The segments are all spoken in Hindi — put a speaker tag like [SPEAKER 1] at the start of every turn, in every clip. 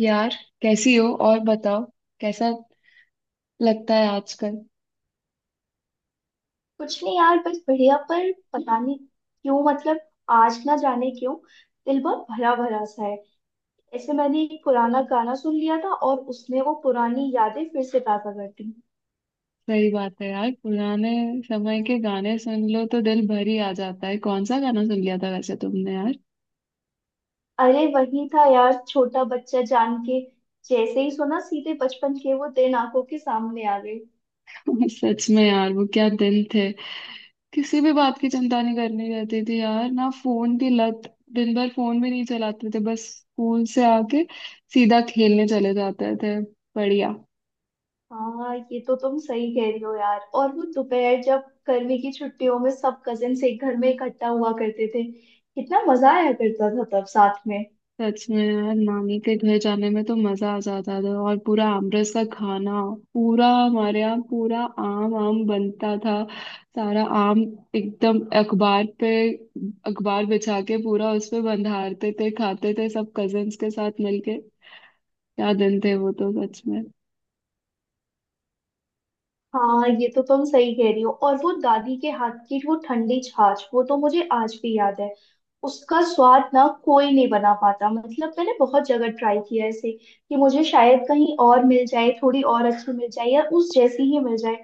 [SPEAKER 1] यार। कैसी हो और बताओ? कैसा लगता है आजकल?
[SPEAKER 2] कुछ नहीं यार, बस बढ़िया। पर पता नहीं क्यों, मतलब आज ना जाने क्यों दिल बहुत भरा भरा सा है। ऐसे मैंने एक पुराना गाना सुन लिया था और उसमें वो पुरानी यादें फिर से ताजा कर दी।
[SPEAKER 1] सही बात है यार। पुराने समय के गाने सुन लो तो दिल भर ही आ जाता है। कौन सा गाना सुन लिया था वैसे तुमने यार?
[SPEAKER 2] अरे वही था यार, छोटा बच्चा जान के। जैसे ही सुना, सीधे बचपन के वो दिन आंखों के सामने आ गए।
[SPEAKER 1] सच में यार, वो क्या दिन थे। किसी भी बात की चिंता नहीं करनी रहती थी यार, ना फोन की लत। दिन भर फोन भी नहीं चलाते थे, बस स्कूल से आके सीधा खेलने चले जाते थे। बढ़िया।
[SPEAKER 2] हाँ, ये तो तुम सही कह रही हो यार। और वो दोपहर जब गर्मी की छुट्टियों में सब कजिन एक घर में इकट्ठा हुआ करते थे, कितना मजा आया करता था तब साथ में।
[SPEAKER 1] सच में यार, नानी के घर जाने में तो मजा आ जाता था। और पूरा आमरस का खाना, पूरा हमारे यहाँ पूरा आम आम बनता था। सारा आम एकदम अखबार पे अखबार बिछा के पूरा उस पे बंधारते थे, खाते थे सब कजन्स के साथ मिलके। क्या दिन थे वो, तो सच में।
[SPEAKER 2] हाँ, ये तो तुम सही कह रही हो। और वो दादी के हाथ की वो ठंडी छाछ, वो तो मुझे आज भी याद है। उसका स्वाद ना कोई नहीं बना पाता, मतलब मैंने बहुत जगह ट्राई किया है इसे, कि मुझे शायद कहीं और मिल जाए, थोड़ी और अच्छी मिल जाए या उस जैसी ही मिल जाए।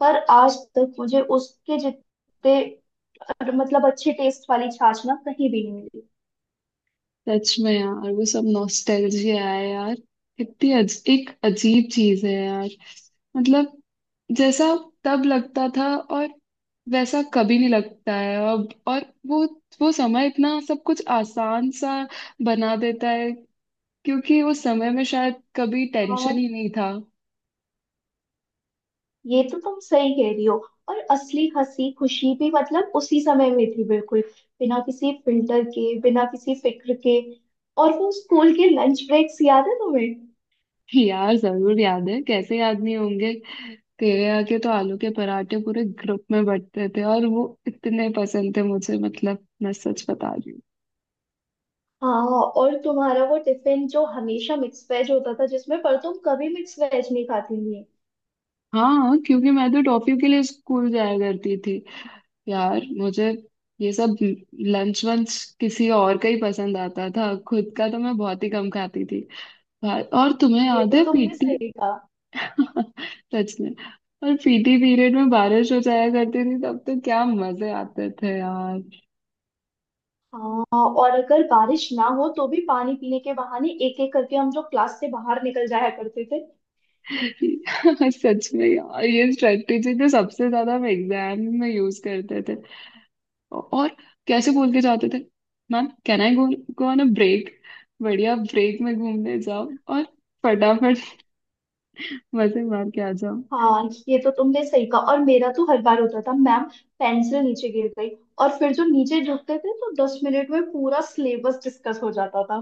[SPEAKER 2] पर आज तक मुझे उसके जितने मतलब अच्छे टेस्ट वाली छाछ ना कहीं भी नहीं मिली।
[SPEAKER 1] सच में यार वो सब नॉस्टैल्जिया है यार। कितनी एक अजीब चीज है यार। मतलब जैसा तब लगता था और वैसा कभी नहीं लगता है अब। और वो समय इतना सब कुछ आसान सा बना देता है, क्योंकि उस समय में शायद कभी टेंशन
[SPEAKER 2] हाँ,
[SPEAKER 1] ही नहीं था।
[SPEAKER 2] ये तो तुम सही कह रही हो। और असली हंसी खुशी भी मतलब उसी समय में थी, बिल्कुल बिना किसी फिल्टर के, बिना किसी फिक्र के। और वो स्कूल के लंच ब्रेक्स याद है तुम्हें?
[SPEAKER 1] यार जरूर याद है, कैसे याद नहीं होंगे। तेरे यहाँ के तो आलू के पराठे पूरे ग्रुप में बंटते थे, और वो इतने पसंद थे मुझे, मतलब मैं सच बता रही हूँ।
[SPEAKER 2] हाँ, और तुम्हारा वो टिफिन जो हमेशा मिक्स वेज होता था, जिसमें पर तुम कभी मिक्स वेज नहीं खाती थी।
[SPEAKER 1] हाँ, क्योंकि मैं तो टॉफी के लिए स्कूल जाया करती थी। यार मुझे ये सब लंच वंच किसी और का ही पसंद आता था, खुद का तो मैं बहुत ही कम खाती थी। और तुम्हें
[SPEAKER 2] ये
[SPEAKER 1] याद
[SPEAKER 2] तो
[SPEAKER 1] है
[SPEAKER 2] तुमने
[SPEAKER 1] पीटी?
[SPEAKER 2] सही कहा।
[SPEAKER 1] सच में। और पीटी पीरियड में बारिश हो जाया करती थी, तब तो क्या मजे आते थे यार।
[SPEAKER 2] हाँ, और अगर बारिश ना हो तो भी पानी पीने के बहाने एक एक करके हम जो क्लास से बाहर निकल जाया करते थे।
[SPEAKER 1] सच में यार ये स्ट्रेटेजी तो सबसे ज्यादा हम एग्जाम में यूज करते थे। और कैसे बोल के जाते थे: ma'am can I go, go on a break. बढ़िया, ब्रेक में घूमने जाओ और फटाफट मजे मार के आ जाओ।
[SPEAKER 2] हाँ, ये तो तुमने सही कहा। और मेरा तो हर बार होता था, मैम, पेंसिल नीचे गिर गई। और फिर जो नीचे झुकते थे तो 10 मिनट में पूरा सिलेबस डिस्कस हो जाता था।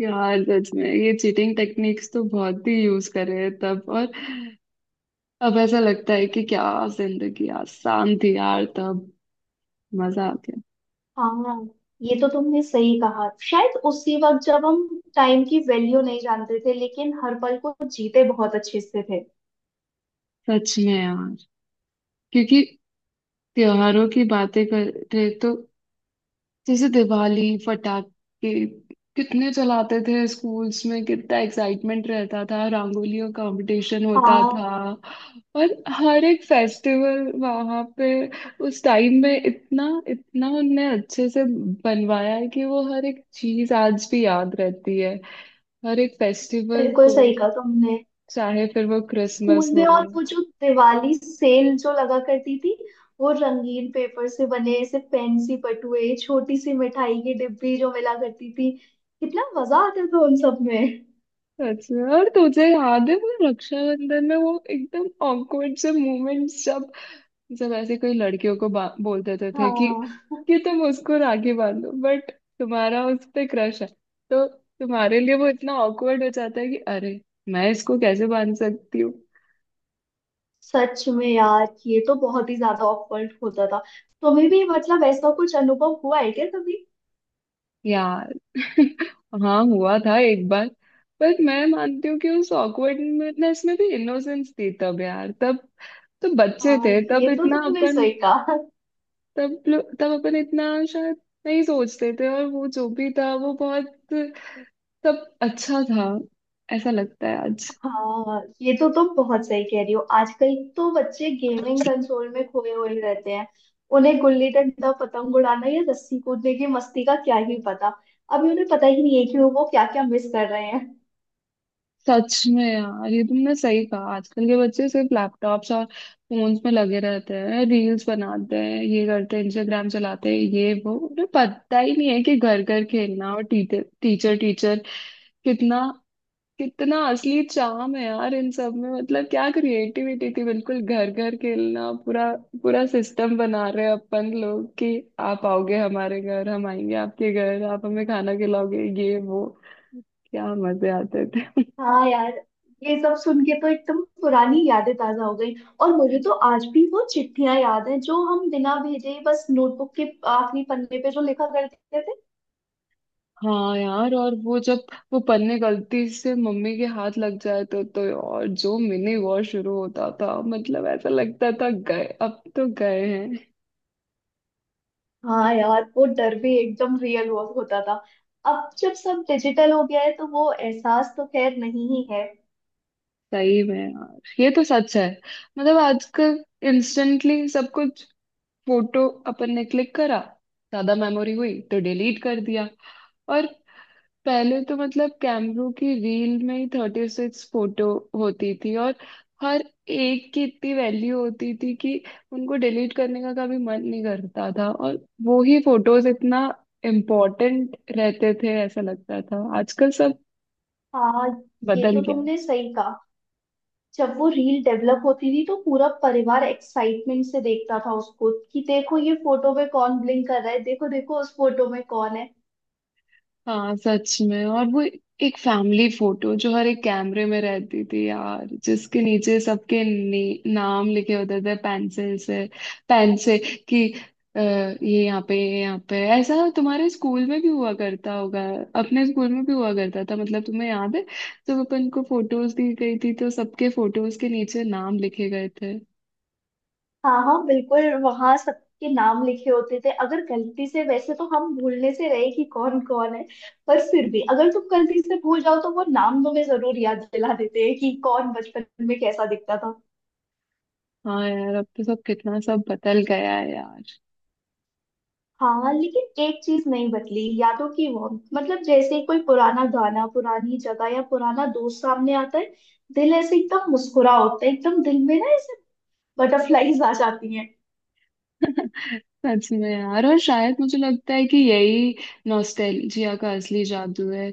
[SPEAKER 1] यार सच में ये चीटिंग टेक्निक्स तो बहुत ही यूज कर रहे हैं तब। और अब ऐसा लगता है कि क्या जिंदगी आसान थी यार तब। मजा आ गया।
[SPEAKER 2] हाँ, ये तो तुमने सही कहा। शायद उसी वक्त, जब हम टाइम की वैल्यू नहीं जानते थे लेकिन हर पल को जीते बहुत अच्छे से थे।
[SPEAKER 1] सच में यार। क्योंकि त्योहारों की बातें कर रहे तो, जैसे दिवाली फटाके कितने चलाते थे स्कूल्स में, कितना एक्साइटमेंट रहता था, रंगोलियों कंपटीशन होता
[SPEAKER 2] हाँ,
[SPEAKER 1] था। और हर एक फेस्टिवल वहाँ पे उस टाइम में इतना इतना उनने अच्छे से बनवाया है कि वो हर एक चीज आज भी याद रहती है, हर एक फेस्टिवल
[SPEAKER 2] बिल्कुल
[SPEAKER 1] को,
[SPEAKER 2] सही कहा तुमने।
[SPEAKER 1] चाहे फिर वो
[SPEAKER 2] स्कूल
[SPEAKER 1] क्रिसमस
[SPEAKER 2] में,
[SPEAKER 1] हो।
[SPEAKER 2] और वो जो दिवाली सेल जो लगा करती थी, वो रंगीन पेपर से बने ऐसे फैंसी पटुए, छोटी सी मिठाई की डिब्बी जो मिला करती थी, कितना मजा आता था उन सब में।
[SPEAKER 1] अच्छा, और तुझे याद है वो रक्षाबंधन में वो एकदम ऑकवर्ड से मोमेंट्स, जब सब ऐसे कोई लड़कियों को बोल देते थे कि
[SPEAKER 2] हाँ,
[SPEAKER 1] कि तुम उसको राखी बांध लो, बट तुम्हारा उस पे क्रश है। तो तुम्हारे लिए वो इतना ऑकवर्ड हो जाता है कि अरे, मैं इसको कैसे बांध सकती हूँ।
[SPEAKER 2] सच में यार, ये तो बहुत ही ज्यादा ऑकवर्ड होता था। तुम्हें भी मतलब ऐसा कुछ अनुभव हुआ है क्या कभी?
[SPEAKER 1] यार हाँ, हुआ था एक बार। बट मैं मानती हूँ कि उस ऑकवर्डनेस में भी इनोसेंस थी। तब यार, तब तो बच्चे
[SPEAKER 2] हाँ,
[SPEAKER 1] थे, तब
[SPEAKER 2] ये तो
[SPEAKER 1] इतना
[SPEAKER 2] तुमने
[SPEAKER 1] अपन
[SPEAKER 2] सही कहा।
[SPEAKER 1] तब तब अपन इतना शायद नहीं सोचते थे, और वो जो भी था, वो बहुत सब अच्छा था, ऐसा लगता है आज।
[SPEAKER 2] हाँ, ये तो तुम बहुत सही कह रही हो। आजकल तो बच्चे गेमिंग कंसोल में खोए हुए रहते हैं। उन्हें गुल्ली डंडा, पतंग उड़ाना या रस्सी कूदने की मस्ती का क्या ही पता। अभी उन्हें पता ही नहीं है कि वो क्या क्या मिस कर रहे हैं।
[SPEAKER 1] सच में यार ये तुमने सही कहा। आजकल के बच्चे सिर्फ लैपटॉप्स और फोन्स में लगे रहते हैं, रील्स बनाते हैं, ये करते हैं, इंस्टाग्राम चलाते हैं ये वो। उन्हें पता ही नहीं है कि घर घर खेलना और टीचर टीचर टीचर कितना कितना असली चाम है यार इन सब में। मतलब क्या क्रिएटिविटी थी, बिल्कुल। घर घर खेलना, पूरा पूरा सिस्टम बना रहे हैं अपन लोग कि आप आओगे हमारे घर, हम आएंगे आपके घर, आप हमें खाना खिलाओगे ये वो। क्या मजे आते थे।
[SPEAKER 2] हाँ यार, ये सब सुन के तो एकदम पुरानी यादें ताजा हो गई। और मुझे तो आज भी वो चिट्ठियां याद हैं जो हम बिना भेजे ही बस नोटबुक के आखिरी पन्ने पे जो लिखा करते थे।
[SPEAKER 1] हाँ यार। और वो जब वो पन्ने गलती से मम्मी के हाथ लग जाते तो और जो मिनी वॉर शुरू होता था, मतलब ऐसा लगता था गए अब तो गए।
[SPEAKER 2] हाँ यार, वो डर भी एकदम रियल हुआ होता था। अब जब सब डिजिटल हो गया है तो वो एहसास तो खैर नहीं ही है।
[SPEAKER 1] सही में यार, ये तो सच है। मतलब आजकल इंस्टेंटली सब कुछ, फोटो अपन ने क्लिक करा, ज्यादा मेमोरी हुई तो डिलीट कर दिया। और पहले तो मतलब कैमरों की रील में ही 36 फोटो होती थी, और हर एक की इतनी वैल्यू होती थी कि उनको डिलीट करने का कभी मन नहीं करता था। और वो ही फोटोज इतना इम्पोर्टेंट रहते थे, ऐसा लगता था आजकल सब
[SPEAKER 2] हाँ, ये
[SPEAKER 1] बदल
[SPEAKER 2] तो
[SPEAKER 1] गया।
[SPEAKER 2] तुमने सही कहा। जब वो रील डेवलप होती थी तो पूरा परिवार एक्साइटमेंट से देखता था उसको, कि देखो ये फोटो में कौन ब्लिंक कर रहा है, देखो देखो उस फोटो में कौन है।
[SPEAKER 1] हाँ सच में। और वो एक फैमिली फोटो जो हर एक कैमरे में रहती थी यार, जिसके नीचे सबके नाम लिखे होते थे, पेंसिल से, पेन से कि ये यहाँ पे ये यहाँ पे। ऐसा तुम्हारे स्कूल में भी हुआ करता होगा, अपने स्कूल में भी हुआ करता था। मतलब तुम्हें याद है जब अपन को फोटोज दी गई थी तो सबके फोटोज के नीचे नाम लिखे गए थे।
[SPEAKER 2] हाँ हाँ, बिल्कुल, वहां सबके नाम लिखे होते थे। अगर गलती से, वैसे तो हम भूलने से रहे कि कौन कौन है, पर फिर भी अगर तुम गलती से भूल जाओ तो वो नाम तुम्हें जरूर याद दिला देते हैं कि कौन बचपन में कैसा दिखता था।
[SPEAKER 1] हाँ यार, अब तो सब कितना सब बदल गया है यार।
[SPEAKER 2] हाँ, लेकिन एक चीज नहीं बदली, यादों की वो, मतलब जैसे ही कोई पुराना गाना, पुरानी जगह या पुराना दोस्त सामने आता है, दिल ऐसे एकदम मुस्कुरा होता है, एकदम दिल में ना ऐसे बटरफ्लाईज आ जाती हैं।
[SPEAKER 1] सच में यार, और शायद मुझे लगता है कि यही नॉस्टैल्जिया का असली जादू है।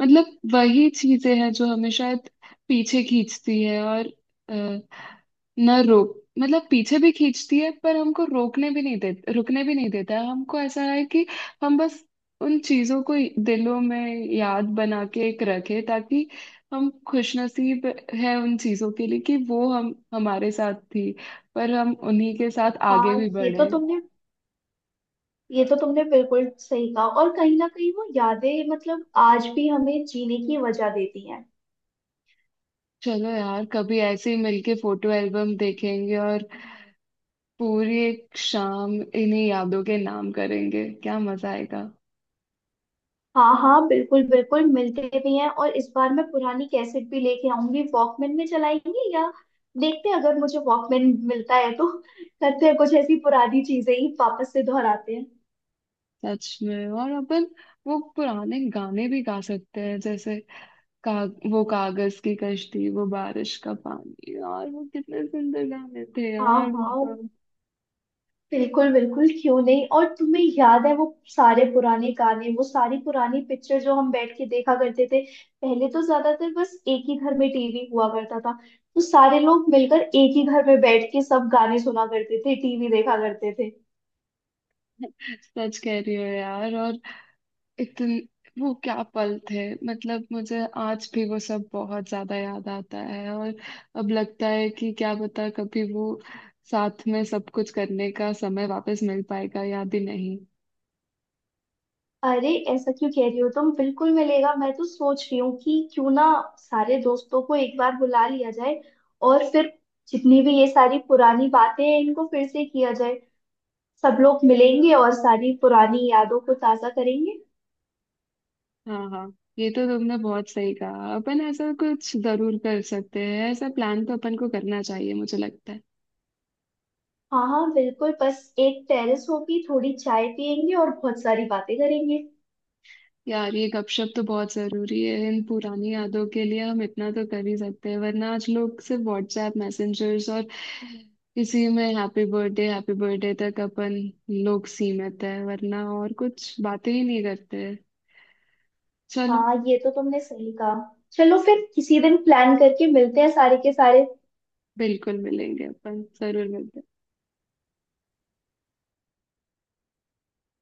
[SPEAKER 1] मतलब वही चीजें हैं जो हमें शायद पीछे खींचती है, और अ, न रोक मतलब पीछे भी खींचती है पर हमको रोकने भी नहीं देता, रुकने भी नहीं देता है हमको। ऐसा है कि हम बस उन चीजों को दिलों में याद बना के एक रखें ताकि हम खुशनसीब है उन चीजों के लिए कि वो हम हमारे साथ थी, पर हम उन्हीं के साथ आगे
[SPEAKER 2] हाँ
[SPEAKER 1] भी
[SPEAKER 2] ये तो
[SPEAKER 1] बढ़े।
[SPEAKER 2] तुमने ये तो तुमने बिल्कुल सही कहा। और कहीं ना कहीं वो यादें मतलब आज भी हमें जीने की वजह देती हैं।
[SPEAKER 1] चलो यार, कभी ऐसे ही मिलके फोटो एल्बम देखेंगे और पूरी एक शाम इन्हीं यादों के नाम करेंगे, क्या मजा आएगा।
[SPEAKER 2] हाँ हाँ, बिल्कुल बिल्कुल, मिलते भी हैं। और इस बार मैं पुरानी कैसेट भी लेके आऊंगी, वॉकमैन में चलाएंगे, या देखते हैं अगर मुझे वॉकमैन मिलता है तो करते हैं कुछ ऐसी पुरानी चीजें ही वापस से दोहराते हैं।
[SPEAKER 1] सच में, और अपन वो पुराने गाने भी गा सकते हैं जैसे का, वो कागज की कश्ती, वो बारिश का पानी। और वो कितने सुंदर गाने थे
[SPEAKER 2] हाँ
[SPEAKER 1] यार वो। तो
[SPEAKER 2] हाँ, बिल्कुल बिल्कुल, क्यों नहीं। और तुम्हें याद है वो सारे पुराने गाने, वो सारी पुरानी पिक्चर जो हम बैठ के देखा करते थे? पहले तो ज्यादातर बस एक ही घर में टीवी हुआ करता था, तो सारे लोग मिलकर एक ही घर में बैठ के सब गाने सुना करते थे, टीवी देखा करते थे।
[SPEAKER 1] सच कह रही हो यार, और इतन वो क्या पल थे, मतलब मुझे आज भी वो सब बहुत ज्यादा याद आता है। और अब लगता है कि क्या पता कभी वो साथ में सब कुछ करने का समय वापस मिल पाएगा, याद ही नहीं।
[SPEAKER 2] अरे, ऐसा क्यों कह रही हो तुम? बिल्कुल मिलेगा। मैं तो सोच रही हूँ कि क्यों ना सारे दोस्तों को एक बार बुला लिया जाए, और फिर जितनी भी ये सारी पुरानी बातें हैं इनको फिर से किया जाए। सब लोग मिलेंगे और सारी पुरानी यादों को ताजा करेंगे।
[SPEAKER 1] हाँ हाँ, ये तो तुमने बहुत सही कहा। अपन ऐसा कुछ जरूर कर सकते हैं, ऐसा प्लान तो अपन को करना चाहिए मुझे लगता है।
[SPEAKER 2] हाँ हाँ, बिल्कुल, बस एक टेरेस होगी, थोड़ी चाय पियेंगे और बहुत सारी बातें करेंगे।
[SPEAKER 1] यार ये गपशप तो बहुत जरूरी है, इन पुरानी यादों के लिए हम इतना तो कर ही सकते हैं। वरना आज लोग सिर्फ व्हाट्सएप मैसेंजर्स और इसी में हैप्पी बर्थडे तक अपन लोग सीमित है, वरना और कुछ बातें ही नहीं करते। चलो।
[SPEAKER 2] हाँ, ये तो तुमने सही कहा। चलो, फिर किसी दिन प्लान करके मिलते हैं सारे के सारे।
[SPEAKER 1] बिल्कुल मिलेंगे अपन, जरूर मिलते हैं।